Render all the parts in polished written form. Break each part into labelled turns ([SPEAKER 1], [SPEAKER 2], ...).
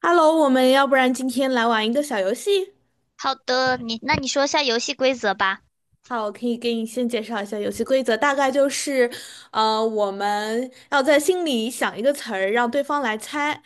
[SPEAKER 1] Hello，我们要不然今天来玩一个小游戏。
[SPEAKER 2] 好的，你你说一下游戏规则吧。
[SPEAKER 1] 好，我可以给你先介绍一下游戏规则，大概就是，我们要在心里想一个词儿，让对方来猜。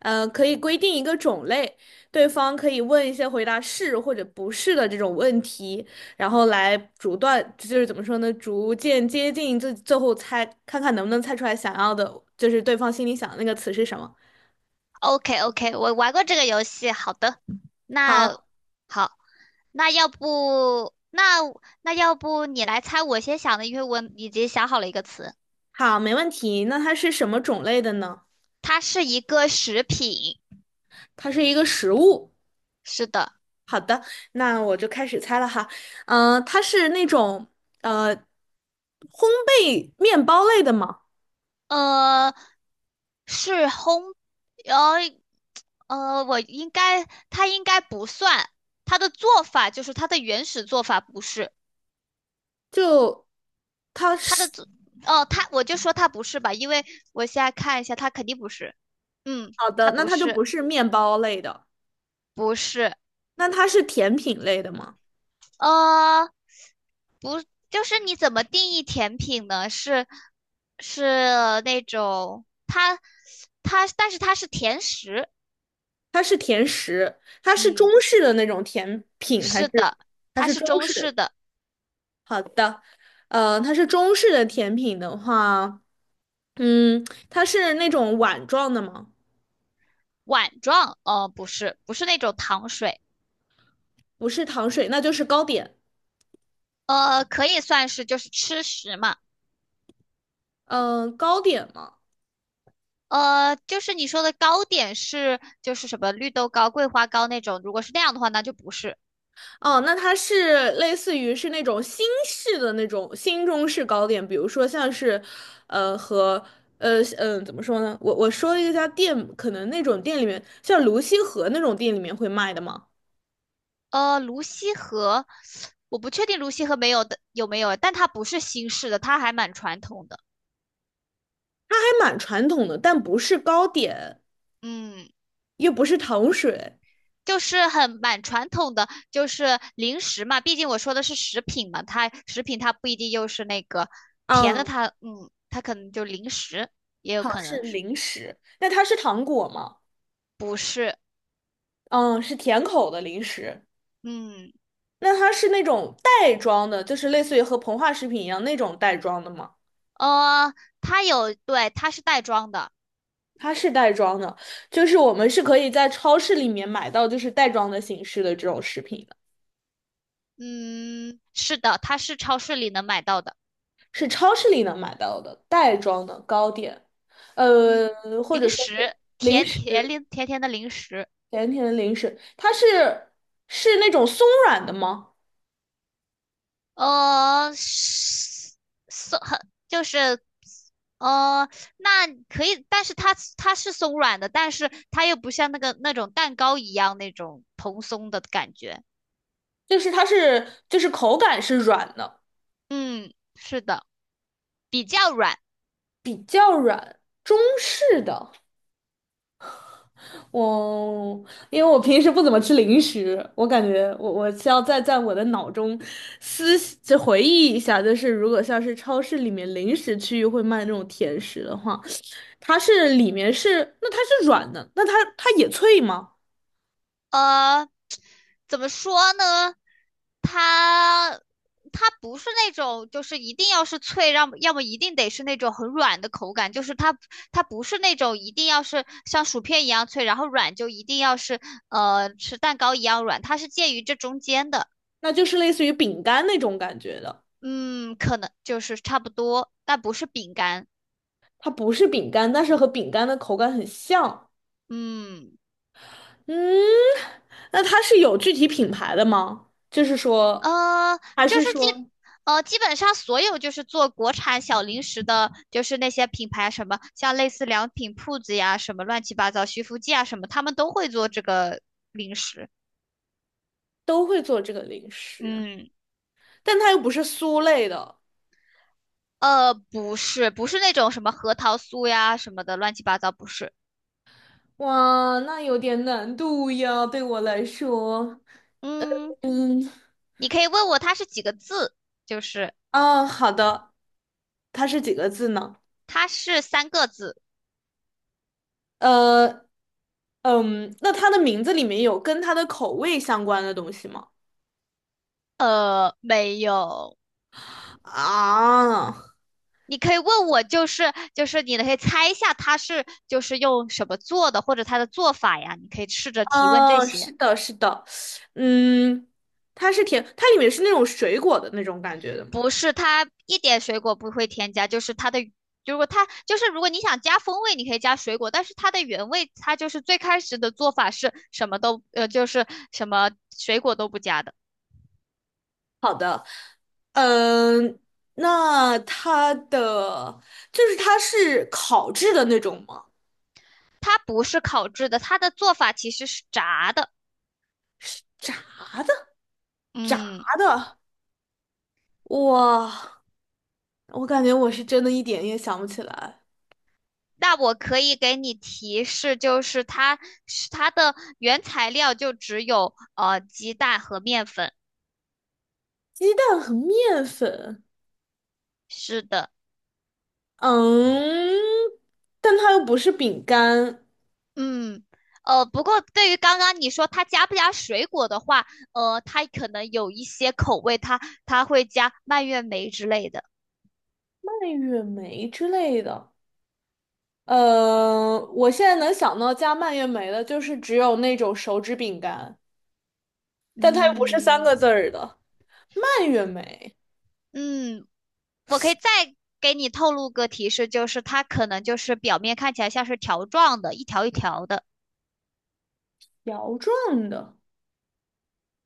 [SPEAKER 1] 可以规定一个种类，对方可以问一些回答是或者不是的这种问题，然后来逐段，就是怎么说呢，逐渐接近最最后猜，看看能不能猜出来想要的，就是对方心里想的那个词是什么。
[SPEAKER 2] OK OK，我玩过这个游戏。好的，那
[SPEAKER 1] 好，
[SPEAKER 2] 好，那要不那那要不你来猜我先想的，因为我已经想好了一个词，
[SPEAKER 1] 好，没问题。那它是什么种类的呢？
[SPEAKER 2] 它是一个食品。
[SPEAKER 1] 它是一个食物。
[SPEAKER 2] 是的，
[SPEAKER 1] 那我就开始猜了哈，嗯、它是那种烘焙面包类的吗？
[SPEAKER 2] 呃，是烘，呃我应该不算，它的做法就是它的原始做法不是。
[SPEAKER 1] 就它
[SPEAKER 2] 他的
[SPEAKER 1] 是
[SPEAKER 2] 作哦，他我就说他不是吧，因为我现在看一下，他肯定不是。嗯，
[SPEAKER 1] 好
[SPEAKER 2] 他
[SPEAKER 1] 的，那
[SPEAKER 2] 不
[SPEAKER 1] 它就
[SPEAKER 2] 是，
[SPEAKER 1] 不是面包类的，
[SPEAKER 2] 不是，
[SPEAKER 1] 那它是甜品类的吗？
[SPEAKER 2] 呃，就是你怎么定义甜品呢？是是那种它，但是它是甜食。
[SPEAKER 1] 它是甜食，它是中
[SPEAKER 2] 嗯，
[SPEAKER 1] 式的那种甜品，还
[SPEAKER 2] 是
[SPEAKER 1] 是
[SPEAKER 2] 的，
[SPEAKER 1] 它
[SPEAKER 2] 它
[SPEAKER 1] 是
[SPEAKER 2] 是
[SPEAKER 1] 中
[SPEAKER 2] 中
[SPEAKER 1] 式
[SPEAKER 2] 式
[SPEAKER 1] 的？
[SPEAKER 2] 的
[SPEAKER 1] 好的，它是中式的甜品的话，嗯，它是那种碗状的吗？
[SPEAKER 2] 碗状。不是，不是那种糖水。
[SPEAKER 1] 不是糖水，那就是糕点。
[SPEAKER 2] 可以算是就是吃食嘛。
[SPEAKER 1] 嗯、糕点嘛，
[SPEAKER 2] 就是你说的糕点是就是什么绿豆糕、桂花糕那种，如果是那样的话，那就不是。
[SPEAKER 1] 哦，那它是类似于是那种新式的那种新中式糕点，比如说像是，呃，和怎么说呢？我说了一家店，可能那种店里面，像泸溪河那种店里面会卖的嘛，
[SPEAKER 2] 泸溪河，我不确定泸溪河没有的有没有，但它不是新式的，它还蛮传统的。
[SPEAKER 1] 它还蛮传统的，但不是糕点，
[SPEAKER 2] 嗯，
[SPEAKER 1] 又不是糖水，
[SPEAKER 2] 就是很蛮传统的，就是零食嘛，毕竟我说的是食品嘛，它食品它不一定又是那个甜的
[SPEAKER 1] 嗯，
[SPEAKER 2] 它，嗯，它可能就零食，也有
[SPEAKER 1] 好像
[SPEAKER 2] 可
[SPEAKER 1] 是
[SPEAKER 2] 能是
[SPEAKER 1] 零食。那它是糖果吗？
[SPEAKER 2] 不是？
[SPEAKER 1] 嗯，是甜口的零食。
[SPEAKER 2] 嗯，
[SPEAKER 1] 那它是那种袋装的，就是类似于和膨化食品一样那种袋装的吗？
[SPEAKER 2] 呃，它有，对，它是袋装的。
[SPEAKER 1] 它是袋装的，就是我们是可以在超市里面买到，就是袋装的形式的这种食品的，
[SPEAKER 2] 嗯，是的，它是超市里能买到的。
[SPEAKER 1] 是超市里能买到的袋装的糕点，
[SPEAKER 2] 嗯，
[SPEAKER 1] 呃，或者
[SPEAKER 2] 零
[SPEAKER 1] 说是
[SPEAKER 2] 食，
[SPEAKER 1] 零食，
[SPEAKER 2] 甜甜的零食，
[SPEAKER 1] 甜甜的零食，它是那种松软的吗？
[SPEAKER 2] 是松很就是，呃，那可以，但是它是松软的，但是它又不像那个那种蛋糕一样那种蓬松的感觉。
[SPEAKER 1] 就是它是就是口感是软的，
[SPEAKER 2] 嗯，是的，比较软。
[SPEAKER 1] 比较软，中式的。我因为我平时不怎么吃零食，我感觉我需要再在我的脑中回忆一下，就是如果像是超市里面零食区域会卖那种甜食的话，它是里面是那它是软的，那它也脆吗？
[SPEAKER 2] 呃，怎么说呢？它不是那种就是一定要是脆，让要么一定得是那种很软的口感，就是它不是那种一定要是像薯片一样脆，然后软就一定要是吃蛋糕一样软，它是介于这中间的。
[SPEAKER 1] 那就是类似于饼干那种感觉的，
[SPEAKER 2] 嗯，可能就是差不多，但不是饼干。
[SPEAKER 1] 它不是饼干，但是和饼干的口感很像。
[SPEAKER 2] 嗯。
[SPEAKER 1] 嗯，那它是有具体品牌的吗？就是说，
[SPEAKER 2] 呃，
[SPEAKER 1] 还
[SPEAKER 2] 就
[SPEAKER 1] 是
[SPEAKER 2] 是基
[SPEAKER 1] 说
[SPEAKER 2] 基本上所有就是做国产小零食的，就是那些品牌什么，像类似良品铺子呀，什么乱七八糟徐福记啊什么，他们都会做这个零食。
[SPEAKER 1] 都会做这个零食？
[SPEAKER 2] 嗯，
[SPEAKER 1] 但它又不是酥类的，
[SPEAKER 2] 不是，不是那种什么核桃酥呀什么的乱七八糟，不是。
[SPEAKER 1] 哇，那有点难度呀，对我来说。
[SPEAKER 2] 嗯，
[SPEAKER 1] 嗯，
[SPEAKER 2] 你可以问我它是几个字，就是
[SPEAKER 1] 啊，好的，它是几个字呢？
[SPEAKER 2] 它是三个字。
[SPEAKER 1] 呃，嗯，那它的名字里面有跟它的口味相关的东西吗？
[SPEAKER 2] 没有。
[SPEAKER 1] 啊，
[SPEAKER 2] 你可以问我，就是你可以猜一下它是就是用什么做的，或者它的做法呀，你可以试着提问这
[SPEAKER 1] 啊，是
[SPEAKER 2] 些。
[SPEAKER 1] 的，是的，嗯，它是甜，它里面是那种水果的那种感觉的吗？
[SPEAKER 2] 不是它一点水果不会添加，就是它的，如果它就是如果你想加风味，你可以加水果，但是它的原味它就是最开始的做法是什么都就是什么水果都不加的，
[SPEAKER 1] 好的，嗯，那它的就是它是烤制的那种吗？
[SPEAKER 2] 它不是烤制的，它的做法其实是炸的。
[SPEAKER 1] 是炸的？炸
[SPEAKER 2] 嗯。
[SPEAKER 1] 的，哇，我感觉我是真的一点也想不起来。
[SPEAKER 2] 那我可以给你提示，就是是它的原材料就只有鸡蛋和面粉。
[SPEAKER 1] 鸡蛋和面粉，
[SPEAKER 2] 是的，
[SPEAKER 1] 嗯，但它又不是饼干，
[SPEAKER 2] 嗯，不过对于刚刚你说它加不加水果的话，它可能有一些口味它，它会加蔓越莓之类的。
[SPEAKER 1] 蔓越莓之类的。我现在能想到加蔓越莓的，就是只有那种手指饼干，但它又不是三
[SPEAKER 2] 嗯
[SPEAKER 1] 个字儿的蔓越莓，
[SPEAKER 2] 嗯，我可以再给你透露个提示，就是它可能就是表面看起来像是条状的，一条一条的。
[SPEAKER 1] 条状的。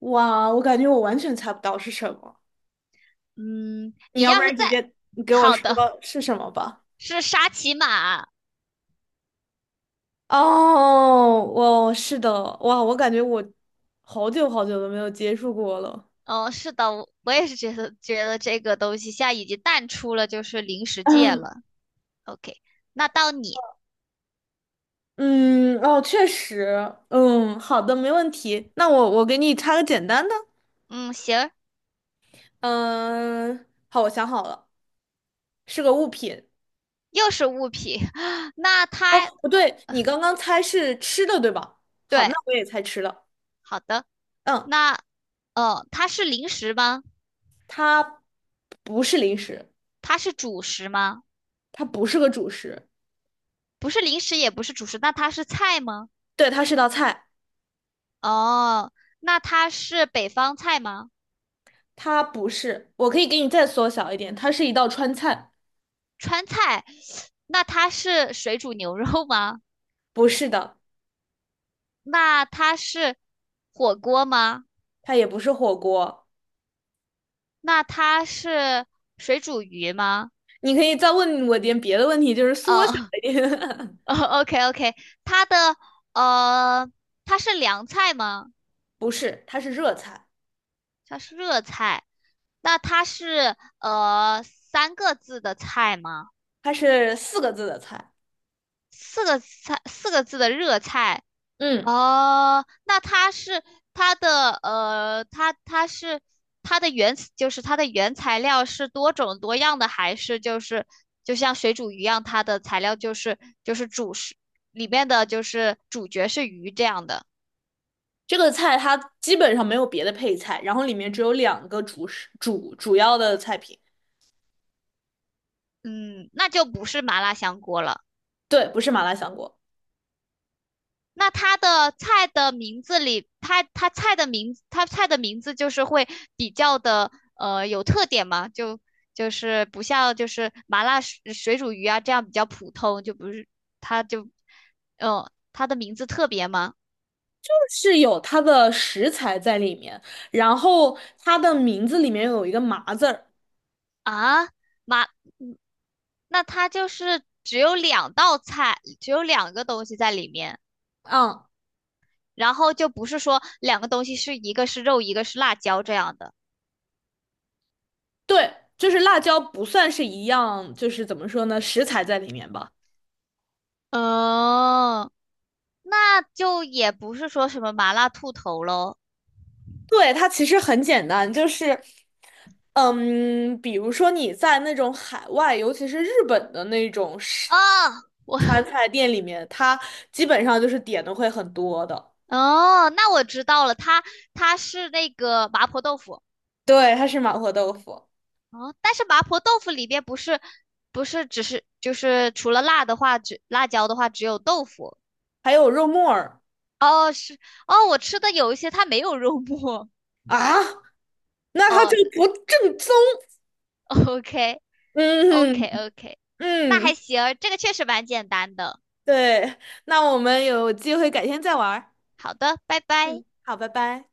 [SPEAKER 1] 哇，我感觉我完全猜不到是什么。
[SPEAKER 2] 嗯，
[SPEAKER 1] 你
[SPEAKER 2] 你
[SPEAKER 1] 要不
[SPEAKER 2] 要是
[SPEAKER 1] 然
[SPEAKER 2] 再
[SPEAKER 1] 直接你给我
[SPEAKER 2] 好
[SPEAKER 1] 说
[SPEAKER 2] 的。
[SPEAKER 1] 是什么吧。
[SPEAKER 2] 是沙琪玛。
[SPEAKER 1] 哦，哇，是的，哇，我感觉我好久好久都没有接触过了。
[SPEAKER 2] 哦，是的，我也是觉得这个东西现在已经淡出了就是零食界
[SPEAKER 1] 嗯，
[SPEAKER 2] 了。OK，那到你，
[SPEAKER 1] 嗯哦，确实，嗯，好的，没问题。那我给你插个简单的，
[SPEAKER 2] 嗯，行，
[SPEAKER 1] 嗯，好，我想好了，是个物品。
[SPEAKER 2] 又是物品，那
[SPEAKER 1] 哦，
[SPEAKER 2] 它
[SPEAKER 1] 不对，你刚刚猜是吃的，对吧？好，
[SPEAKER 2] 对，
[SPEAKER 1] 那我也猜吃的。
[SPEAKER 2] 好的，
[SPEAKER 1] 嗯，
[SPEAKER 2] 那哦，它是零食吗？
[SPEAKER 1] 它不是零食，
[SPEAKER 2] 它是主食吗？
[SPEAKER 1] 它不是个主食，
[SPEAKER 2] 不是零食，也不是主食，那它是菜吗？
[SPEAKER 1] 对，它是道菜，
[SPEAKER 2] 哦，那它是北方菜吗？
[SPEAKER 1] 它不是。我可以给你再缩小一点，它是一道川菜，
[SPEAKER 2] 川菜，那它是水煮牛肉吗？
[SPEAKER 1] 不是的。
[SPEAKER 2] 那它是火锅吗？
[SPEAKER 1] 它也不是火锅。
[SPEAKER 2] 那它是水煮鱼吗？
[SPEAKER 1] 你可以再问我点别的问题，就是缩小
[SPEAKER 2] 呃
[SPEAKER 1] 一点。
[SPEAKER 2] ，OK OK，它的呃，它是凉菜吗？
[SPEAKER 1] 不是，它是热菜，
[SPEAKER 2] 它是热菜。那它是三个字的菜吗？
[SPEAKER 1] 它是四个字的菜。
[SPEAKER 2] 四个菜，四个字的热菜。
[SPEAKER 1] 嗯，
[SPEAKER 2] 哦，那它是它的它是它的原就是它的原材料是多种多样的，还是就是就像水煮鱼一样，它的材料就是就是主食里面的就是主角是鱼这样的？
[SPEAKER 1] 这个菜它基本上没有别的配菜，然后里面只有两个主食主要的菜品。
[SPEAKER 2] 嗯，那就不是麻辣香锅了。
[SPEAKER 1] 对，不是麻辣香锅，
[SPEAKER 2] 那它的菜的名字里，它菜的名字就是会比较的有特点嘛，就是不像就是麻辣水煮鱼啊这样比较普通，就不是它就，嗯，它的名字特别吗？
[SPEAKER 1] 是有它的食材在里面，然后它的名字里面有一个“麻”字儿。
[SPEAKER 2] 啊，麻，嗯那它就是只有两道菜，只有两个东西在里面，
[SPEAKER 1] 嗯，
[SPEAKER 2] 然后就不是说两个东西是一个是肉，一个是辣椒这样的。
[SPEAKER 1] 对，就是辣椒不算是一样，就是怎么说呢，食材在里面吧。
[SPEAKER 2] 哦，那就也不是说什么麻辣兔头喽。
[SPEAKER 1] 对，它其实很简单，就是，嗯，比如说你在那种海外，尤其是日本的那种是
[SPEAKER 2] 哦 我
[SPEAKER 1] 川菜店里面，它基本上就是点的会很多的。
[SPEAKER 2] 哦，那我知道了，它是那个麻婆豆腐
[SPEAKER 1] 对，它是麻婆豆腐，
[SPEAKER 2] 哦，但是麻婆豆腐里边不是不是只是就是除了辣的话，只辣椒的话只有豆腐
[SPEAKER 1] 还有肉末儿
[SPEAKER 2] 哦，是哦，我吃的有一些它没有肉末
[SPEAKER 1] 啊，那它就
[SPEAKER 2] 哦
[SPEAKER 1] 不正宗。
[SPEAKER 2] ，OK OK
[SPEAKER 1] 嗯
[SPEAKER 2] OK，那还
[SPEAKER 1] 嗯，
[SPEAKER 2] 行，这个确实蛮简单的。
[SPEAKER 1] 对，那我们有机会改天再玩儿
[SPEAKER 2] 好的，拜拜。
[SPEAKER 1] 嗯，好，拜拜。